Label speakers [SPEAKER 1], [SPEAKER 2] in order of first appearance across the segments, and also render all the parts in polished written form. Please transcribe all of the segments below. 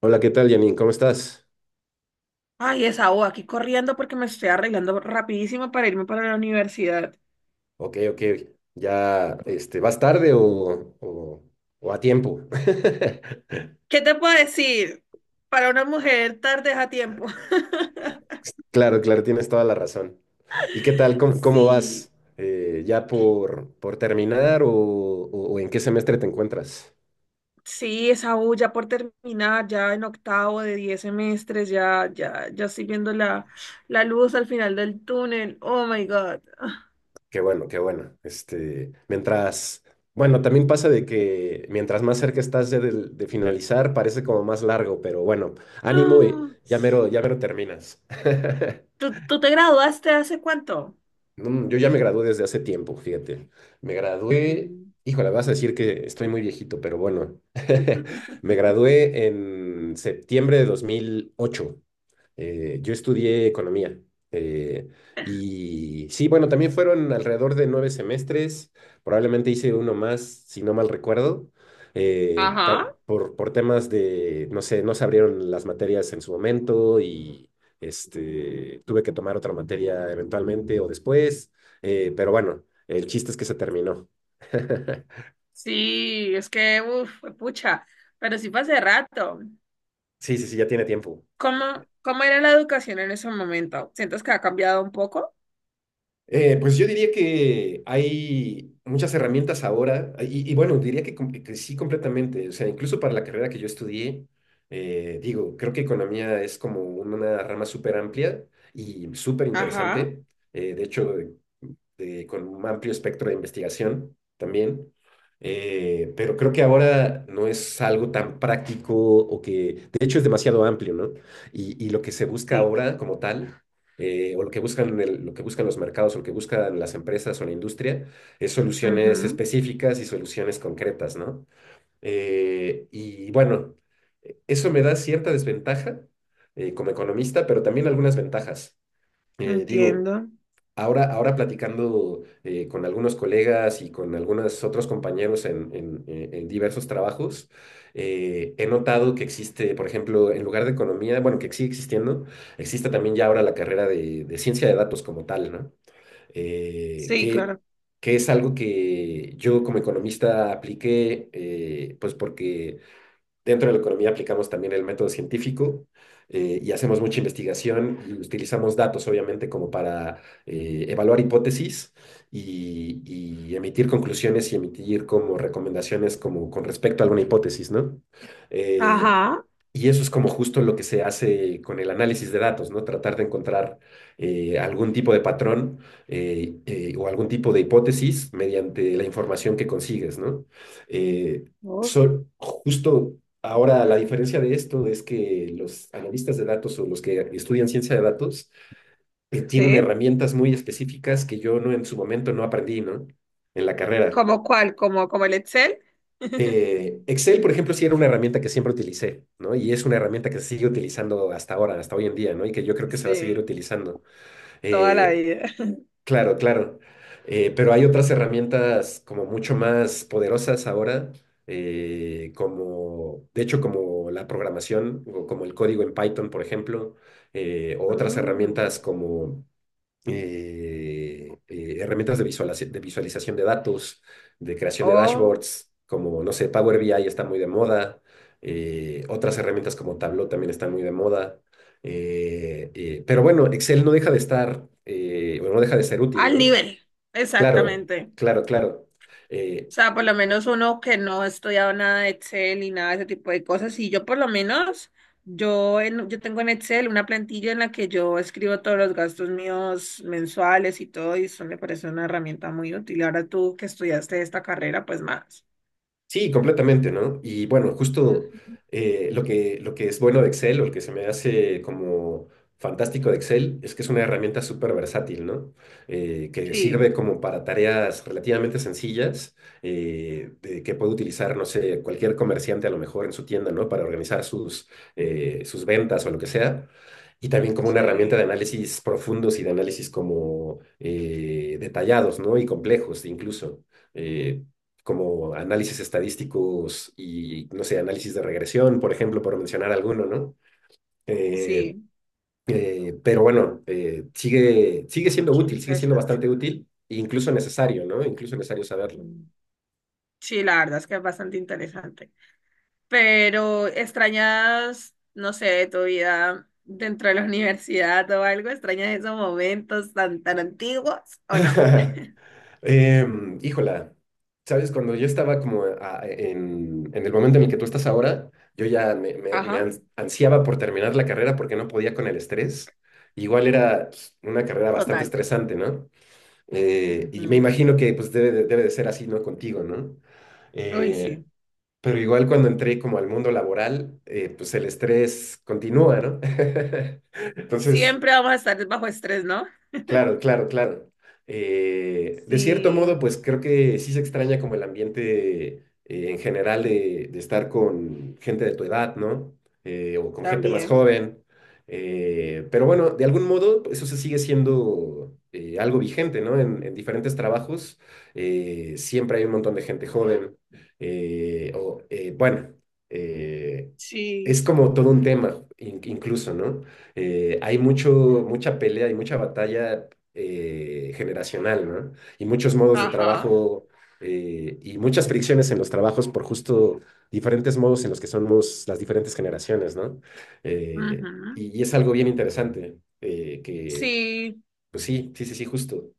[SPEAKER 1] Hola, ¿qué tal, Janine? ¿Cómo estás?
[SPEAKER 2] Ay, esa O, aquí corriendo porque me estoy arreglando rapidísimo para irme para la universidad.
[SPEAKER 1] Ok, ok. ¿Ya vas tarde o a tiempo?
[SPEAKER 2] ¿Qué te puedo decir? Para una mujer tarde es a tiempo.
[SPEAKER 1] Claro, claro, tienes toda la razón. ¿Y qué tal? ¿Cómo
[SPEAKER 2] Sí,
[SPEAKER 1] vas? ¿Ya por terminar o en qué semestre te encuentras?
[SPEAKER 2] sí, esa U ya por terminar, ya en octavo de 10 semestres, ya estoy viendo la luz al final del túnel. Oh my God.
[SPEAKER 1] Qué bueno, qué bueno. Mientras, bueno, también pasa de que mientras más cerca estás de finalizar, parece como más largo, pero bueno, ánimo y
[SPEAKER 2] Ah.
[SPEAKER 1] ya mero terminas.
[SPEAKER 2] ¿Tú te graduaste hace cuánto?
[SPEAKER 1] Yo ya me gradué desde hace tiempo, fíjate. Me gradué,
[SPEAKER 2] Mm.
[SPEAKER 1] híjole, vas a decir que estoy muy viejito, pero bueno, me gradué en septiembre de 2008. Yo estudié economía. eh, y sí, bueno, también fueron alrededor de 9 semestres. Probablemente hice uno más, si no mal recuerdo.
[SPEAKER 2] Ajá,
[SPEAKER 1] Por temas de, no sé, no se abrieron las materias en su momento y tuve que tomar otra materia eventualmente o después. Pero bueno, el chiste es que se terminó.
[SPEAKER 2] sí, es que, uff, pucha, pero sí fue hace rato.
[SPEAKER 1] Sí, sí, sí, ya tiene tiempo.
[SPEAKER 2] ¿Cómo era la educación en ese momento? ¿Sientes que ha cambiado un poco?
[SPEAKER 1] Pues yo diría que hay muchas herramientas ahora, y bueno, diría que, que sí completamente, o sea, incluso para la carrera que yo estudié, digo, creo que economía es como una rama súper amplia y súper
[SPEAKER 2] Ajá,
[SPEAKER 1] interesante. De hecho, con un amplio espectro de investigación también. Pero creo que ahora no es algo tan práctico o que, de hecho, es demasiado amplio, ¿no? Y lo que se busca
[SPEAKER 2] sí.
[SPEAKER 1] ahora como tal, o lo que lo que buscan los mercados, o lo que buscan las empresas o la industria, es soluciones
[SPEAKER 2] Ujú.
[SPEAKER 1] específicas y soluciones concretas, ¿no? Y bueno, eso me da cierta desventaja como economista, pero también algunas ventajas. Digo,
[SPEAKER 2] Entiendo.
[SPEAKER 1] ahora platicando con algunos colegas y con algunos otros compañeros en diversos trabajos, he notado que existe, por ejemplo, en lugar de economía, bueno, que sigue existiendo, existe también ya ahora la carrera de ciencia de datos como tal, ¿no? Eh,
[SPEAKER 2] Sí,
[SPEAKER 1] que,
[SPEAKER 2] claro.
[SPEAKER 1] que es algo que yo como economista apliqué, pues porque dentro de la economía aplicamos también el método científico y hacemos mucha investigación y utilizamos datos, obviamente, como para evaluar hipótesis y emitir conclusiones y emitir como recomendaciones como con respecto a alguna hipótesis, ¿no? Eh,
[SPEAKER 2] Ajá.
[SPEAKER 1] y eso es como justo lo que se hace con el análisis de datos, ¿no? Tratar de encontrar algún tipo de patrón o algún tipo de hipótesis mediante la información que consigues, ¿no? Eh,
[SPEAKER 2] Uf,
[SPEAKER 1] Justo ahora, la diferencia de esto es que los analistas de datos o los que estudian ciencia de datos tienen
[SPEAKER 2] sí.
[SPEAKER 1] herramientas muy específicas que yo no en su momento no aprendí, ¿no? En la carrera.
[SPEAKER 2] ¿Cómo cuál? ¿Como el Excel?
[SPEAKER 1] Excel, por ejemplo, sí era una herramienta que siempre utilicé, ¿no? Y es una herramienta que se sigue utilizando hasta ahora, hasta hoy en día, ¿no? Y que yo creo que se va a seguir
[SPEAKER 2] Sí,
[SPEAKER 1] utilizando.
[SPEAKER 2] toda la
[SPEAKER 1] Eh,
[SPEAKER 2] vida.
[SPEAKER 1] Claro, claro. Pero hay otras herramientas como mucho más poderosas ahora, como, de hecho, como la programación, o como el código en Python, por ejemplo, o otras
[SPEAKER 2] Mm,
[SPEAKER 1] herramientas como herramientas de visualización de datos, de creación de
[SPEAKER 2] Oh,
[SPEAKER 1] dashboards, como, no sé, Power BI está muy de moda, otras herramientas como Tableau también están muy de moda, pero bueno, Excel no deja de estar, o no deja de ser útil,
[SPEAKER 2] al
[SPEAKER 1] ¿no?
[SPEAKER 2] nivel.
[SPEAKER 1] Claro,
[SPEAKER 2] Exactamente.
[SPEAKER 1] claro, claro.
[SPEAKER 2] O
[SPEAKER 1] Eh,
[SPEAKER 2] sea, por lo menos uno que no ha estudiado nada de Excel y nada de ese tipo de cosas. Y yo por lo menos, yo tengo en Excel una plantilla en la que yo escribo todos los gastos míos mensuales y todo, y eso me parece una herramienta muy útil. Ahora tú que estudiaste esta carrera, pues más.
[SPEAKER 1] Sí, completamente, ¿no? Y bueno,
[SPEAKER 2] Mm,
[SPEAKER 1] justo lo que es bueno de Excel o lo que se me hace como fantástico de Excel es que es una herramienta súper versátil, ¿no? Que
[SPEAKER 2] Sí,
[SPEAKER 1] sirve como para tareas relativamente sencillas que puede utilizar, no sé, cualquier comerciante a lo mejor en su tienda, ¿no? Para organizar sus ventas o lo que sea. Y también como una herramienta de
[SPEAKER 2] sí,
[SPEAKER 1] análisis profundos y de análisis como detallados, ¿no? Y complejos incluso. Eh, Como análisis estadísticos y, no sé, análisis de regresión, por ejemplo, por mencionar alguno, ¿no? Eh,
[SPEAKER 2] sí,
[SPEAKER 1] pero bueno, sigue siendo
[SPEAKER 2] qué
[SPEAKER 1] útil, sigue siendo
[SPEAKER 2] interesante.
[SPEAKER 1] bastante útil, e incluso necesario, ¿no? Incluso necesario saberlo.
[SPEAKER 2] Mm, Sí, la verdad es que es bastante interesante. Pero extrañas, no sé, de tu vida dentro de la universidad o algo, extrañas esos momentos tan antiguos o no.
[SPEAKER 1] Híjola, ¿sabes? Cuando yo estaba como en el momento en el que tú estás ahora, yo ya
[SPEAKER 2] Ajá,
[SPEAKER 1] ansiaba por terminar la carrera porque no podía con el estrés. Igual era pues, una carrera bastante
[SPEAKER 2] total.
[SPEAKER 1] estresante, ¿no? Y me
[SPEAKER 2] Ujú.
[SPEAKER 1] imagino que pues debe de ser así, ¿no? Contigo, ¿no?
[SPEAKER 2] Uy,
[SPEAKER 1] Eh,
[SPEAKER 2] sí.
[SPEAKER 1] pero igual cuando entré como al mundo laboral, pues el estrés continúa, ¿no? Entonces.
[SPEAKER 2] Siempre vamos a estar bajo estrés, ¿no?
[SPEAKER 1] Claro, claro, claro. De cierto
[SPEAKER 2] Sí,
[SPEAKER 1] modo, pues creo que sí se extraña como el ambiente en general de estar con gente de tu edad, ¿no? O con gente más
[SPEAKER 2] también.
[SPEAKER 1] joven. Pero bueno, de algún modo pues, eso se sigue siendo algo vigente, ¿no? En diferentes trabajos siempre hay un montón de gente joven. Bueno, eh,
[SPEAKER 2] Sí,
[SPEAKER 1] es como todo un tema incluso, ¿no? Hay mucha pelea y mucha batalla generacional, ¿no? Y muchos modos de
[SPEAKER 2] ajá.
[SPEAKER 1] trabajo y muchas fricciones en los trabajos por justo diferentes modos en los que somos las diferentes generaciones, ¿no?
[SPEAKER 2] Ujú.
[SPEAKER 1] Y es algo bien interesante,
[SPEAKER 2] Sí.
[SPEAKER 1] pues sí, sí, sí, sí, justo.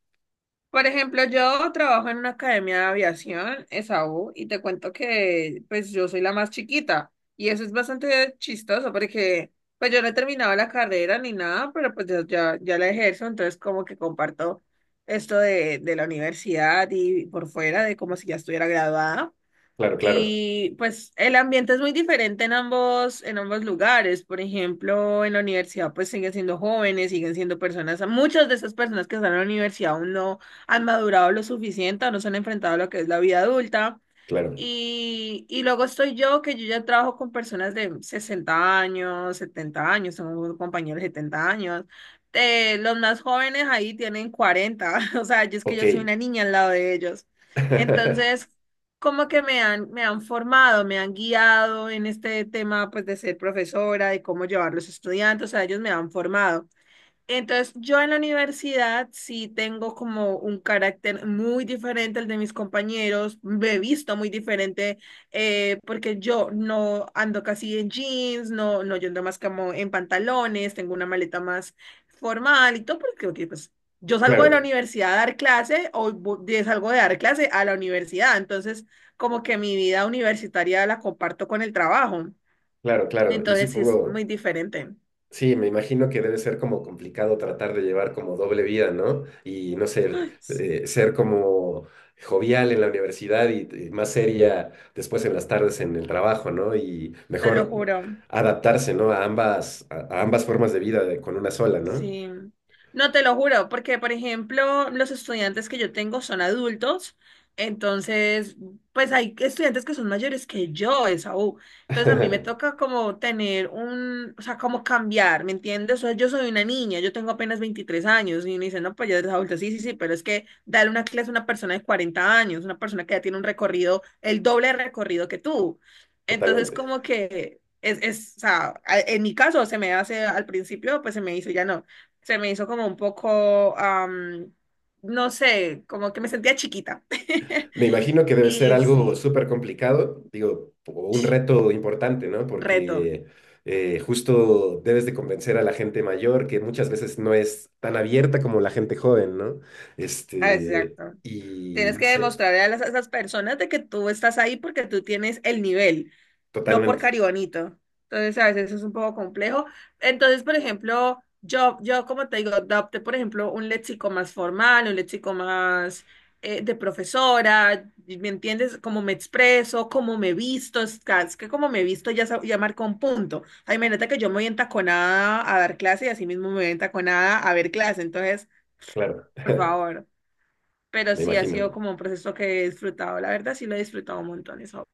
[SPEAKER 2] Por ejemplo, yo trabajo en una academia de aviación, ESAU, y te cuento que pues yo soy la más chiquita y eso es bastante chistoso porque pues yo no he terminado la carrera ni nada, pero pues ya la ejerzo, entonces como que comparto esto de la universidad y por fuera de como si ya estuviera graduada.
[SPEAKER 1] Claro, claro,
[SPEAKER 2] Y pues el ambiente es muy diferente en ambos lugares. Por ejemplo, en la universidad pues siguen siendo jóvenes, siguen siendo personas, muchas de esas personas que están en la universidad aún no han madurado lo suficiente o no se han enfrentado a lo que es la vida adulta.
[SPEAKER 1] claro.
[SPEAKER 2] Y luego estoy yo, que yo ya trabajo con personas de 60 años, 70 años, tengo compañeros de 70 años. Los más jóvenes ahí tienen 40. O sea, yo es que yo soy
[SPEAKER 1] Ok.
[SPEAKER 2] una niña al lado de ellos. Entonces, como que me han formado, me han guiado en este tema, pues, de ser profesora, de cómo llevar los estudiantes, o sea, ellos me han formado. Entonces, yo en la universidad sí tengo como un carácter muy diferente al de mis compañeros, me he visto muy diferente, porque yo no ando casi en jeans, no, no, yo ando más como en pantalones, tengo una maleta más formal y todo, porque ok, pues, yo salgo de la
[SPEAKER 1] Claro,
[SPEAKER 2] universidad a dar clase o salgo de dar clase a la universidad, entonces como que mi vida universitaria la comparto con el trabajo,
[SPEAKER 1] claro, claro. Y
[SPEAKER 2] entonces sí es muy
[SPEAKER 1] supongo.
[SPEAKER 2] diferente.
[SPEAKER 1] Sí, me imagino que debe ser como complicado tratar de llevar como doble vida, ¿no? Y no sé,
[SPEAKER 2] Ay, sí,
[SPEAKER 1] ser como jovial en la universidad y más seria después en las tardes en el trabajo, ¿no? Y
[SPEAKER 2] te lo
[SPEAKER 1] mejor
[SPEAKER 2] juro.
[SPEAKER 1] adaptarse, ¿no? A ambas, a ambas formas de vida con una sola, ¿no?
[SPEAKER 2] Sí. No te lo juro, porque por ejemplo, los estudiantes que yo tengo son adultos, entonces, pues hay estudiantes que son mayores que yo, Esaú. Entonces a mí me toca como tener un, o sea, como cambiar, ¿me entiendes? O sea, yo soy una niña, yo tengo apenas 23 años y me dicen, no, pues ya eres adulta, sí, pero es que darle una clase a una persona de 40 años, una persona que ya tiene un recorrido, el doble de recorrido que tú. Entonces,
[SPEAKER 1] Totalmente.
[SPEAKER 2] como que o sea, en mi caso se me hace, al principio, pues se me hizo, ya no, se me hizo como un poco, no sé, como que me sentía chiquita.
[SPEAKER 1] Me imagino que debe ser
[SPEAKER 2] Y
[SPEAKER 1] algo
[SPEAKER 2] sí,
[SPEAKER 1] súper complicado, digo, o un reto importante, ¿no?
[SPEAKER 2] reto.
[SPEAKER 1] Porque justo debes de convencer a la gente mayor que muchas veces no es tan abierta como la gente joven, ¿no?
[SPEAKER 2] Ah, exacto.
[SPEAKER 1] Y
[SPEAKER 2] Tienes
[SPEAKER 1] no
[SPEAKER 2] que
[SPEAKER 1] sé,
[SPEAKER 2] demostrarle a a esas personas de que tú estás ahí porque tú tienes el nivel, no por
[SPEAKER 1] totalmente,
[SPEAKER 2] caribonito. Entonces, a veces es un poco complejo. Entonces, por ejemplo, yo como te digo, adopté, por ejemplo, un léxico más formal, un léxico más de profesora, ¿me entiendes? Cómo me expreso, cómo me visto, es que como me visto ya, ya marca un punto. O sea, imagínate que yo me voy entaconada a dar clase y así mismo me voy entaconada a ver clase. Entonces,
[SPEAKER 1] claro,
[SPEAKER 2] por favor. Pero
[SPEAKER 1] me
[SPEAKER 2] sí ha sido
[SPEAKER 1] imagino.
[SPEAKER 2] como un proceso que he disfrutado. La verdad, sí lo he disfrutado un montón eso.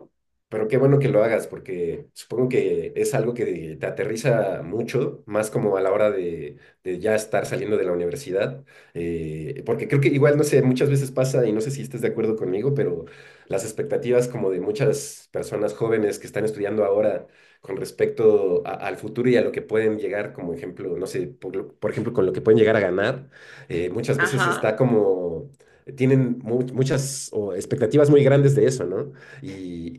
[SPEAKER 1] Pero qué bueno que lo hagas, porque supongo que es algo que te aterriza mucho, más como a la hora de ya estar saliendo de la universidad, porque creo que igual, no sé, muchas veces pasa, y no sé si estés de acuerdo conmigo, pero las expectativas como de muchas personas jóvenes que están estudiando ahora con respecto al futuro y a lo que pueden llegar, como ejemplo, no sé, por ejemplo, con lo que pueden llegar a ganar, muchas veces
[SPEAKER 2] Ajá,
[SPEAKER 1] está como, tienen muchas expectativas muy grandes de eso, ¿no? y,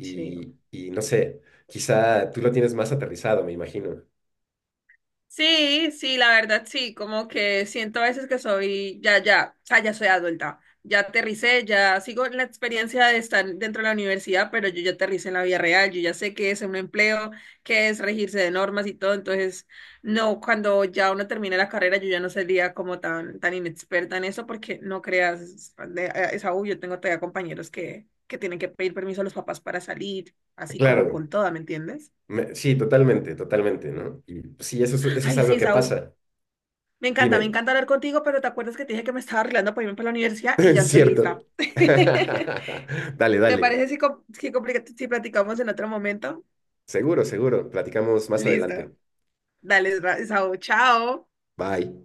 [SPEAKER 2] sí.
[SPEAKER 1] y, y no sé, quizá tú lo tienes más aterrizado, me imagino.
[SPEAKER 2] Sí, la verdad sí, como que siento a veces que soy, o sea, ya soy adulta, ya aterricé, ya sigo la experiencia de estar dentro de la universidad, pero yo ya aterricé en la vida real, yo ya sé qué es un empleo, qué es regirse de normas y todo, entonces, no, cuando ya uno termine la carrera, yo ya no sería como tan inexperta en eso, porque no creas, es aún, yo tengo todavía compañeros que tienen que pedir permiso a los papás para salir, así como
[SPEAKER 1] Claro,
[SPEAKER 2] con toda, ¿me entiendes?
[SPEAKER 1] sí, totalmente, totalmente, ¿no? Y pues, sí, eso es
[SPEAKER 2] Ay, sí,
[SPEAKER 1] algo que
[SPEAKER 2] Esaú.
[SPEAKER 1] pasa.
[SPEAKER 2] Me
[SPEAKER 1] Dime,
[SPEAKER 2] encanta hablar contigo, pero te acuerdas que te dije que me estaba arreglando para irme para la universidad y ya estoy
[SPEAKER 1] ¿cierto?
[SPEAKER 2] lista.
[SPEAKER 1] Dale,
[SPEAKER 2] ¿Te
[SPEAKER 1] dale.
[SPEAKER 2] parece si platicamos en otro momento?
[SPEAKER 1] Seguro, seguro. Platicamos más
[SPEAKER 2] Listo.
[SPEAKER 1] adelante.
[SPEAKER 2] Dale, Saúl, chao.
[SPEAKER 1] Bye.